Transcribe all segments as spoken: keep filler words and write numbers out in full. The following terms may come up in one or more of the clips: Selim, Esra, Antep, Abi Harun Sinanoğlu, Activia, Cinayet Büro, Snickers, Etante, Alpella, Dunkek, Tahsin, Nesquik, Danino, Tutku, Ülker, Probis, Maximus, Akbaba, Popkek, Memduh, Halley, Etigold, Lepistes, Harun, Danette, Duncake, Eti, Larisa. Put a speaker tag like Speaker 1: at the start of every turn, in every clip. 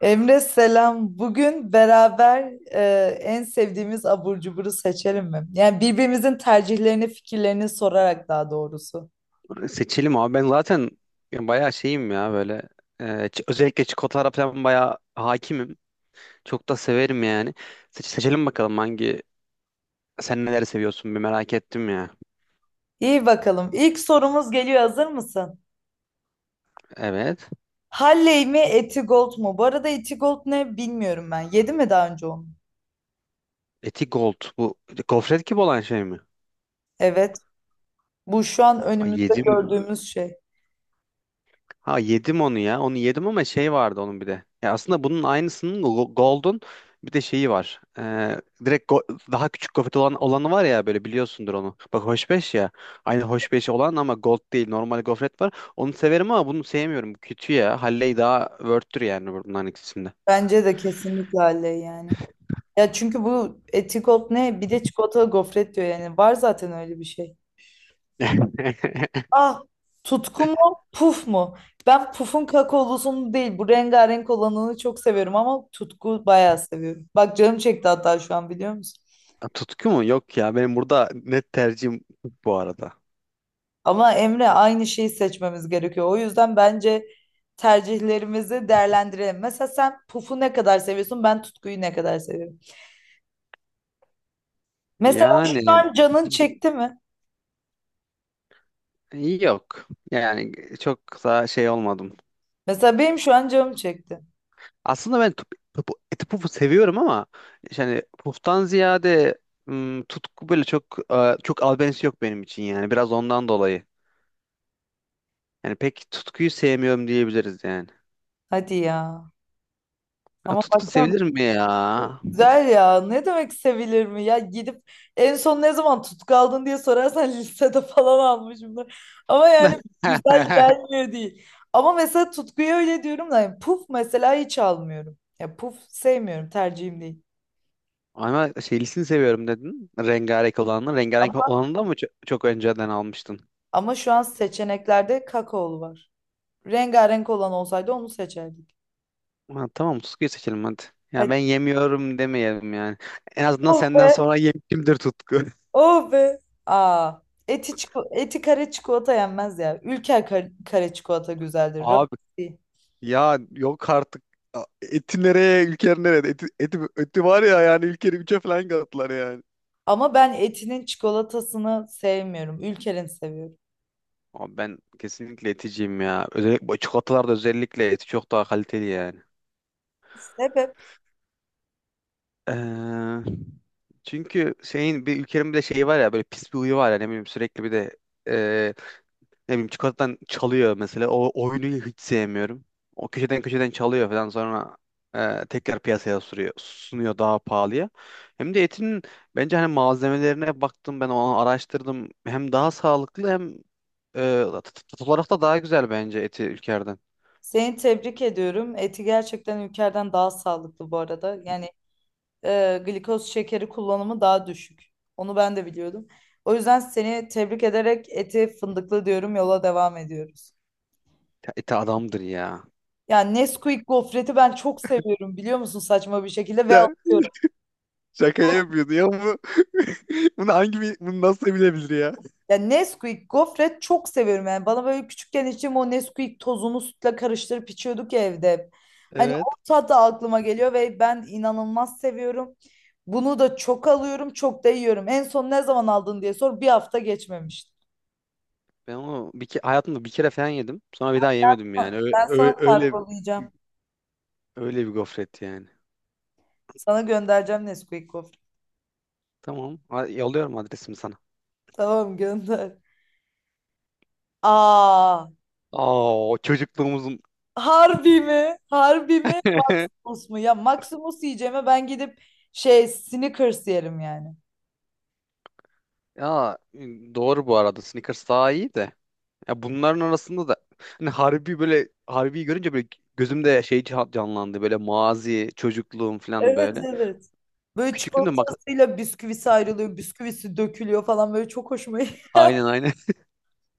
Speaker 1: Emre selam. Bugün beraber e, en sevdiğimiz abur cuburu seçelim mi? Yani birbirimizin tercihlerini, fikirlerini sorarak daha doğrusu.
Speaker 2: Seçelim abi. Ben zaten bayağı şeyim ya böyle. E, ç- özellikle çikolatalara falan bayağı hakimim. Çok da severim yani. Seç- seçelim bakalım hangi, sen neler seviyorsun bir merak ettim ya.
Speaker 1: İyi bakalım. İlk sorumuz geliyor. Hazır mısın?
Speaker 2: Evet.
Speaker 1: Halley mi, Etigold mu? Bu arada Etigold ne bilmiyorum ben. Yedi mi daha önce onu?
Speaker 2: Eti Gold. Bu gofret gibi olan şey mi?
Speaker 1: Evet. Bu şu an
Speaker 2: Ay
Speaker 1: önümüzde
Speaker 2: yedim.
Speaker 1: gördüğümüz şey.
Speaker 2: Ha yedim onu ya. Onu yedim ama şey vardı onun bir de. Ya aslında bunun aynısının go- Golden bir de şeyi var. Ee, direkt go- daha küçük gofret olan olanı var ya böyle, biliyorsundur onu. Bak hoşbeş ya. Aynı hoşbeş olan ama gold değil. Normal gofret var. Onu severim ama bunu sevmiyorum. Kötü ya. Halley daha worth'tür yani bunların ikisinde.
Speaker 1: Bence de kesinlikle öyle yani. Ya çünkü bu etikot ne? Bir de çikolatalı gofret diyor yani. Var zaten öyle bir şey. Ah, tutku mu puf mu? Ben pufun kakaolusunu değil bu rengarenk olanını çok seviyorum ama tutku bayağı seviyorum. Bak canım çekti hatta şu an biliyor musun?
Speaker 2: Tutku mu? Yok ya. Benim burada net tercihim bu arada.
Speaker 1: Ama Emre aynı şeyi seçmemiz gerekiyor. O yüzden bence tercihlerimizi değerlendirelim. Mesela sen pufu ne kadar seviyorsun ben tutkuyu ne kadar seviyorum. Mesela şu
Speaker 2: Yani
Speaker 1: an canın çekti mi?
Speaker 2: yok. Yani çok da şey olmadım.
Speaker 1: Mesela benim şu an canım çekti.
Speaker 2: Aslında ben tup- tup- eti pufu seviyorum ama yani puftan ziyade, ım, tutku böyle çok e, çok albenisi yok benim için yani. Biraz ondan dolayı. Yani pek tutkuyu sevmiyorum diyebiliriz yani.
Speaker 1: Hadi ya.
Speaker 2: Ya,
Speaker 1: Ama
Speaker 2: tutku
Speaker 1: baksana
Speaker 2: sevilir mi ya?
Speaker 1: güzel ya. Ne demek sevilir mi? Ya gidip en son ne zaman tutku aldın diye sorarsan lisede falan almışımdır. Ama yani güzel gelmiyor değil. Ama mesela tutkuyu öyle diyorum da yani puf mesela hiç almıyorum. Ya puf sevmiyorum tercihim değil.
Speaker 2: Ama şeylisini seviyorum dedin. Rengarenk olanını. Rengarenk
Speaker 1: Ama,
Speaker 2: olanı da mı çok, çok önceden almıştın?
Speaker 1: ama şu an seçeneklerde kakaolu var. Rengarenk olan olsaydı onu seçerdik.
Speaker 2: Ha, tamam, tutkuyu seçelim hadi. Ya
Speaker 1: Hadi.
Speaker 2: ben yemiyorum demeyelim yani. En azından
Speaker 1: Oh
Speaker 2: senden
Speaker 1: be.
Speaker 2: sonra yemişimdir tutku.
Speaker 1: Oh be. Aa, eti, çiko- eti kare çikolata yenmez ya. Ülker kare, kare çikolata güzeldir. Rafine
Speaker 2: Abi
Speaker 1: değil.
Speaker 2: ya yok artık. A- Eti nereye, ülker nereye? Eti, eti, eti var ya, yani ülkeri üçe falan kattılar yani.
Speaker 1: Ama ben etinin çikolatasını sevmiyorum. Ülker'in seviyorum.
Speaker 2: Abi ben kesinlikle eticiyim ya. Özellikle bu çikolatalarda özellikle eti çok daha kaliteli yani.
Speaker 1: Sebep.
Speaker 2: Ee, Çünkü şeyin bir ülkenin bir de şeyi var ya, böyle pis bir huyu var ya, ne bileyim sürekli bir de ne bileyim çikolatadan çalıyor mesela. O oyunu hiç sevmiyorum. O köşeden köşeden çalıyor falan, sonra e, tekrar piyasaya sürüyor, sunuyor daha pahalıya. Hem de etinin bence, hani malzemelerine baktım ben, onu araştırdım. Hem daha sağlıklı hem e, tat tat olarak da daha güzel bence eti ülkerden.
Speaker 1: Seni tebrik ediyorum. Eti gerçekten Ülker'den daha sağlıklı bu arada. Yani e, glikoz şekeri kullanımı daha düşük. Onu ben de biliyordum. O yüzden seni tebrik ederek eti fındıklı diyorum. Yola devam ediyoruz.
Speaker 2: Ya Eti adamdır ya.
Speaker 1: Yani Nesquik gofreti ben çok seviyorum biliyor musun saçma bir şekilde ve
Speaker 2: Ya
Speaker 1: alıyorum.
Speaker 2: şaka yapıyordu ya bu. Bunu hangi bir, bunu nasıl bilebilir ya?
Speaker 1: Ya Nesquik gofret çok seviyorum yani. Bana böyle küçükken içim o Nesquik tozunu sütle karıştırıp içiyorduk ya evde. Hep. Hani o
Speaker 2: Evet.
Speaker 1: tat da aklıma geliyor ve ben inanılmaz seviyorum. Bunu da çok alıyorum, çok da yiyorum. En son ne zaman aldın diye sor. Bir hafta geçmemişti.
Speaker 2: Ben onu bir ke- hayatımda bir kere falan yedim. Sonra bir daha yemedim yani.
Speaker 1: Ha,
Speaker 2: Öyle,
Speaker 1: ben sana
Speaker 2: öyle,
Speaker 1: kargolayacağım.
Speaker 2: Öyle bir gofret yani.
Speaker 1: Sana göndereceğim Nesquik gofret.
Speaker 2: Tamam. Ha- Yolluyorum adresimi sana.
Speaker 1: Tamam gönder. Aa,
Speaker 2: Aa, o çocukluğumuzun.
Speaker 1: harbi mi? Harbi mi? Maximus mu? Ya Maximus yiyeceğime ben gidip şey Snickers yerim yani.
Speaker 2: Ya e, doğru bu arada. Snickers daha iyi de. Ya bunların arasında da hani Harbi, böyle Harbi'yi görünce böyle gözümde şey ca- canlandı. Böyle mazi, çocukluğum falan
Speaker 1: Evet
Speaker 2: böyle.
Speaker 1: evet. Böyle
Speaker 2: Küçüklüğümde bak,
Speaker 1: çikolatasıyla bisküvisi ayrılıyor, bisküvisi dökülüyor falan böyle çok hoşuma gitti.
Speaker 2: aynen aynen.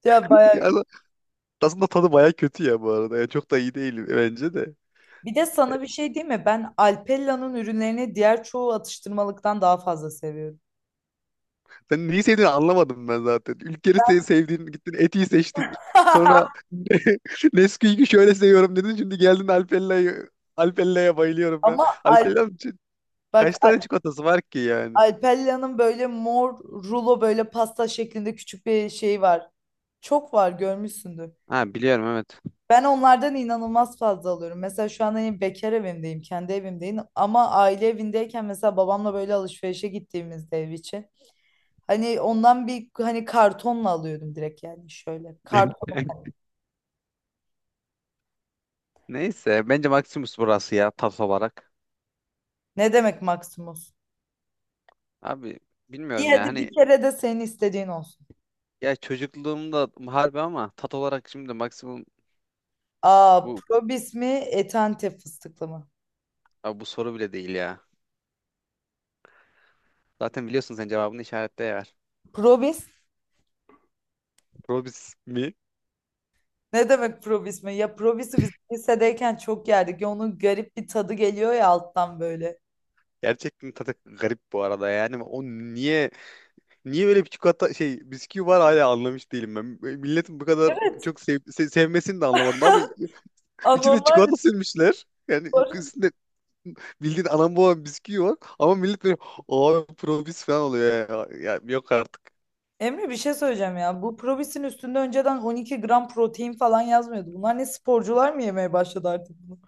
Speaker 1: Ya bayağı
Speaker 2: Ya
Speaker 1: gü-
Speaker 2: aslında tadı baya kötü ya bu arada. Ya çok da iyi değil bence de.
Speaker 1: Bir de sana bir şey diyeyim mi? Ben Alpella'nın ürünlerini diğer çoğu atıştırmalıktan daha fazla seviyorum.
Speaker 2: Sen neyi sevdiğini anlamadım ben zaten. Ülkeni se- sevdiğin, gittin Eti'yi seçtik. Sonra Nesquik'i şöyle seviyorum dedin. Şimdi geldin Alpella'yı. Alpella'ya bayılıyorum ben.
Speaker 1: Ama Al
Speaker 2: Alpella'nın ç-
Speaker 1: bak
Speaker 2: kaç tane
Speaker 1: Al-
Speaker 2: çikolatası var ki yani?
Speaker 1: Alpella'nın böyle mor rulo böyle pasta şeklinde küçük bir şey var. Çok var görmüşsündür.
Speaker 2: Ha biliyorum, evet.
Speaker 1: Ben onlardan inanılmaz fazla alıyorum. Mesela şu an hani bekar evimdeyim, kendi evimdeyim. Ama aile evindeyken mesela babamla böyle alışverişe gittiğimizde ev için. Hani ondan bir hani kartonla alıyordum direkt yani şöyle. Karton.
Speaker 2: Neyse bence Maximus burası ya tat olarak.
Speaker 1: Ne demek Maximus?
Speaker 2: Abi
Speaker 1: İyi
Speaker 2: bilmiyorum ya
Speaker 1: hadi bir
Speaker 2: hani,
Speaker 1: kere de senin istediğin olsun.
Speaker 2: ya çocukluğumda harbi ama tat olarak şimdi Maximum.
Speaker 1: Aa,
Speaker 2: Bu
Speaker 1: Probis mi, Etante fıstıklı mı?
Speaker 2: abi bu soru bile değil ya. Zaten biliyorsun sen cevabını, işaretle ver.
Speaker 1: Probis?
Speaker 2: Probis mi?
Speaker 1: Ne demek probis mi? Ya probisi biz lisedeyken çok yerdik. Ya onun garip bir tadı geliyor ya alttan böyle.
Speaker 2: Gerçekten tadı garip bu arada yani. O niye niye böyle bir çikolata şey bisküvi var hala anlamış değilim ben. Milletin bu kadar
Speaker 1: Evet.
Speaker 2: çok sev, se- sevmesini de anlamadım abi. İçine
Speaker 1: Anormal bir
Speaker 2: çikolata sürmüşler. Yani
Speaker 1: spor.
Speaker 2: üstünde bildiğin anam babam bisküvi var ama millet böyle abi probis falan oluyor ya. Ya yok artık.
Speaker 1: Emre bir şey söyleyeceğim ya. Bu probisin üstünde önceden on iki gram protein falan yazmıyordu. Bunlar ne sporcular mı yemeye başladı artık bunu?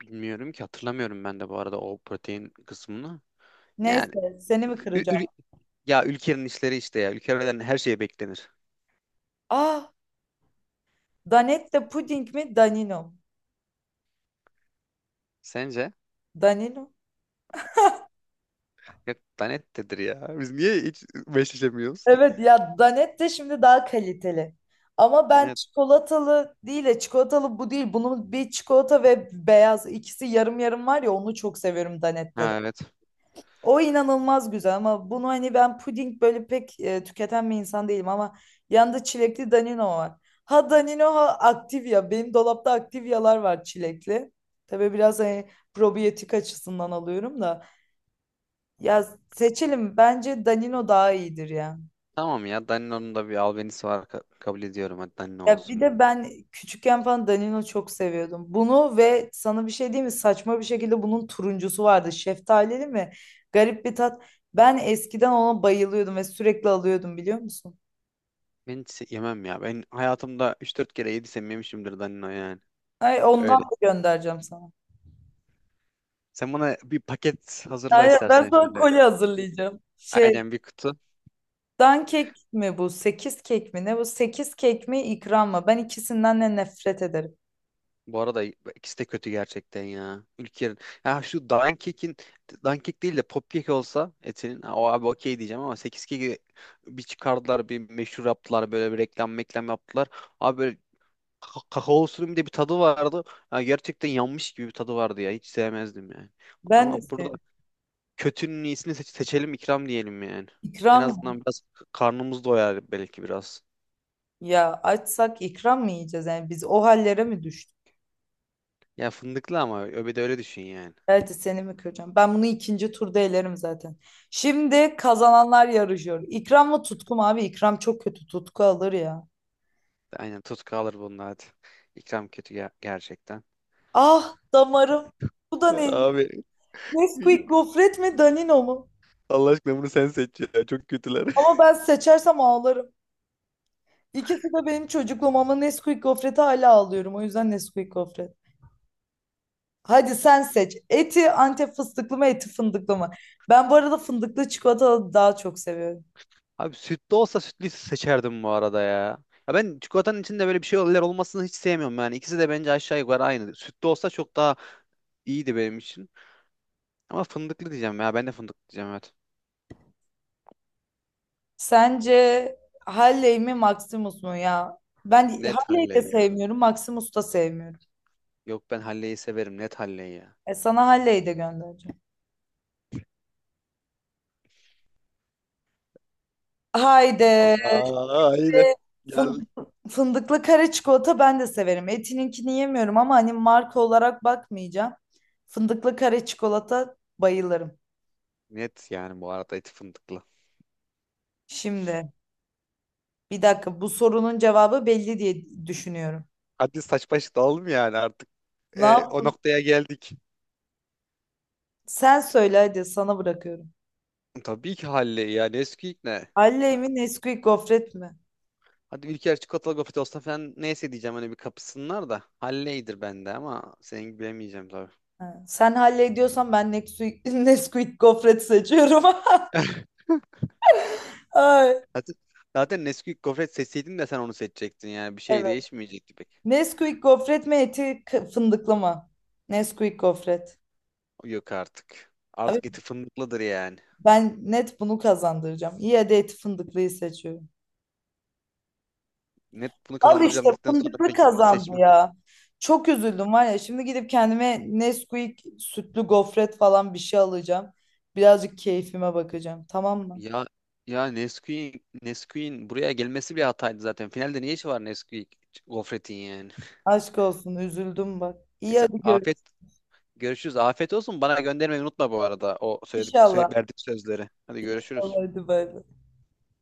Speaker 2: Bilmiyorum ki, hatırlamıyorum ben de bu arada o protein kısmını. Yani
Speaker 1: Neyse seni mi
Speaker 2: ü- ül-
Speaker 1: kıracağım?
Speaker 2: ya ülkenin işleri işte ya. Ülkelerden her şey beklenir.
Speaker 1: Ah, Danette puding mi? Danino. Mu?
Speaker 2: Sence?
Speaker 1: Danino.
Speaker 2: Yok lanettedir ya. Biz niye hiç meşleşemiyoruz?
Speaker 1: Evet ya Danette şimdi daha kaliteli. Ama ben
Speaker 2: Evet.
Speaker 1: çikolatalı değil de çikolatalı bu değil. Bunun bir çikolata ve beyaz ikisi yarım yarım var ya onu çok seviyorum Danette'de.
Speaker 2: Ha evet.
Speaker 1: O inanılmaz güzel ama bunu hani ben puding böyle pek e, tüketen bir insan değilim ama yanında çilekli Danino var. Ha Danino ha Activia. Benim dolapta Activia'lar var çilekli. Tabii biraz hani probiyotik açısından alıyorum da. Ya seçelim. Bence Danino daha iyidir ya.
Speaker 2: Tamam ya, Danino'nun da bir albenisi var, ka- kabul ediyorum. Hadi Danino
Speaker 1: Ya bir
Speaker 2: olsun
Speaker 1: de
Speaker 2: bunu.
Speaker 1: ben küçükken falan Danino çok seviyordum. Bunu ve sana bir şey diyeyim mi? Saçma bir şekilde bunun turuncusu vardı. Şeftalili mi? Garip bir tat. Ben eskiden ona bayılıyordum ve sürekli alıyordum biliyor musun?
Speaker 2: Ben hiç yemem ya. Ben hayatımda üç dört kere yediysem yemişimdir Danino yani.
Speaker 1: Ay ondan
Speaker 2: Öyle.
Speaker 1: da göndereceğim sana.
Speaker 2: Sen bana bir paket hazırla
Speaker 1: Aynen ben
Speaker 2: istersen
Speaker 1: sana
Speaker 2: şöyle.
Speaker 1: kolye
Speaker 2: Bir-
Speaker 1: hazırlayacağım. Şey,
Speaker 2: Aynen bir kutu.
Speaker 1: dan kek mi bu? Sekiz kek mi? Ne bu? Sekiz kek mi ikram mı? Ben ikisinden de nefret ederim.
Speaker 2: Bu arada ikisi de kötü gerçekten ya. Ülker'in. Ya şu Duncake'in, Dunkek değil de Popkek olsa etinin, ha, o abi okey diyeceğim ama sekiz keki bir çıkardılar, bir meşhur yaptılar, böyle bir reklam meklam yaptılar. Abi böyle ka- kakaolusunun bir de bir tadı vardı. Ya gerçekten yanmış gibi bir tadı vardı ya. Hiç sevmezdim yani.
Speaker 1: Ben de
Speaker 2: Ama burada
Speaker 1: seviyorum.
Speaker 2: kötünün iyisini seç- seçelim, ikram diyelim yani. En
Speaker 1: İkram.
Speaker 2: azından biraz k- karnımız doyar belki biraz.
Speaker 1: Ya açsak ikram mı yiyeceğiz? Yani biz o hallere mi düştük?
Speaker 2: Ya fındıklı ama öbede öyle düşün yani.
Speaker 1: Evet seni mi kıracağım? Ben bunu ikinci turda elerim zaten. Şimdi kazananlar yarışıyor. İkram mı tutku mu abi? İkram çok kötü. Tutku alır ya.
Speaker 2: Aynen tut kalır bunun hadi. İkram kötü, ger- gerçekten.
Speaker 1: Ah damarım. Bu da ne?
Speaker 2: Abi
Speaker 1: Nesquik gofret mi Danino mu?
Speaker 2: Allah aşkına bunu sen seç ya. Çok kötüler.
Speaker 1: Ama ben seçersem ağlarım. İkisi de benim çocukluğum ama Nesquik gofreti hala ağlıyorum. O yüzden Nesquik gofret. Hadi sen seç. Eti Antep fıstıklı mı eti fındıklı mı? Ben bu arada fındıklı çikolata daha çok seviyorum.
Speaker 2: Abi sütlü olsa sütlüyü seçerdim bu arada ya. Ya ben çikolatanın içinde böyle bir şey şeyler olmasını hiç sevmiyorum yani. İkisi de bence aşağı yukarı aynı. Sütlü olsa çok daha iyiydi benim için. Ama fındıklı diyeceğim ya. Ben de fındıklı diyeceğim, evet.
Speaker 1: Sence Halley mi Maximus mu ya? Ben
Speaker 2: Net
Speaker 1: Halley'i
Speaker 2: halle
Speaker 1: de
Speaker 2: ya.
Speaker 1: sevmiyorum, Maximus da sevmiyorum.
Speaker 2: Yok ben halleyi severim. Net halleyi ya.
Speaker 1: E sana Halley'i de göndereceğim. Haydi.
Speaker 2: Aa, yine. Gel.
Speaker 1: Fındık, fındıklı kare çikolata ben de severim. Etininkini yemiyorum ama hani marka olarak bakmayacağım. Fındıklı kare çikolata bayılırım.
Speaker 2: Net yani bu arada eti fındıklı.
Speaker 1: Şimdi bir dakika bu sorunun cevabı belli diye düşünüyorum.
Speaker 2: Hadi saç baş dalalım yani artık.
Speaker 1: Ne
Speaker 2: Ee,
Speaker 1: yap?
Speaker 2: o noktaya geldik.
Speaker 1: Sen söyle hadi sana bırakıyorum.
Speaker 2: Tabii ki halleyi, yani eski ne?
Speaker 1: Halley mi Nesquik gofret mi?
Speaker 2: Hadi Ülker çikolatalı gofret olsa falan neyse diyeceğim, hani bir kapısınlar da. Halleydir bende, ama senin gibi bilemeyeceğim tabii.
Speaker 1: Ha, sen hallediyorsan ben Nesquik, Nesquik gofret seçiyorum. Ay.
Speaker 2: Zaten, Zaten Nesquik gofret seçseydin de sen onu seçecektin yani. Bir şey
Speaker 1: Evet.
Speaker 2: değişmeyecekti pek.
Speaker 1: Nesquik gofret mi eti k- fındıklı mı? Nesquik gofret.
Speaker 2: Yok artık.
Speaker 1: Abi
Speaker 2: Artık eti fındıklıdır yani.
Speaker 1: ben net bunu kazandıracağım. İyi hadi eti fındıklıyı seçiyorum.
Speaker 2: Net bunu
Speaker 1: Al işte
Speaker 2: kazandıracağım dedikten sonra
Speaker 1: fındıklı
Speaker 2: peki onu
Speaker 1: kazandı
Speaker 2: seçme.
Speaker 1: ya. Çok üzüldüm var ya. Şimdi gidip kendime Nesquik sütlü gofret falan bir şey alacağım. Birazcık keyfime bakacağım. Tamam mı?
Speaker 2: Ya ya Nesquik'in Nesquik'in buraya gelmesi bir hataydı zaten. Finalde ne işi var Nesquik gofretin yani.
Speaker 1: Aşk olsun üzüldüm bak. İyi
Speaker 2: Neyse
Speaker 1: hadi
Speaker 2: afet,
Speaker 1: görüşürüz.
Speaker 2: görüşürüz. Afiyet olsun. Bana göndermeyi unutma bu arada o söyledik, söyle,
Speaker 1: İnşallah.
Speaker 2: verdiğim sözleri. Hadi
Speaker 1: İnşallah
Speaker 2: görüşürüz.
Speaker 1: hadi bay bay.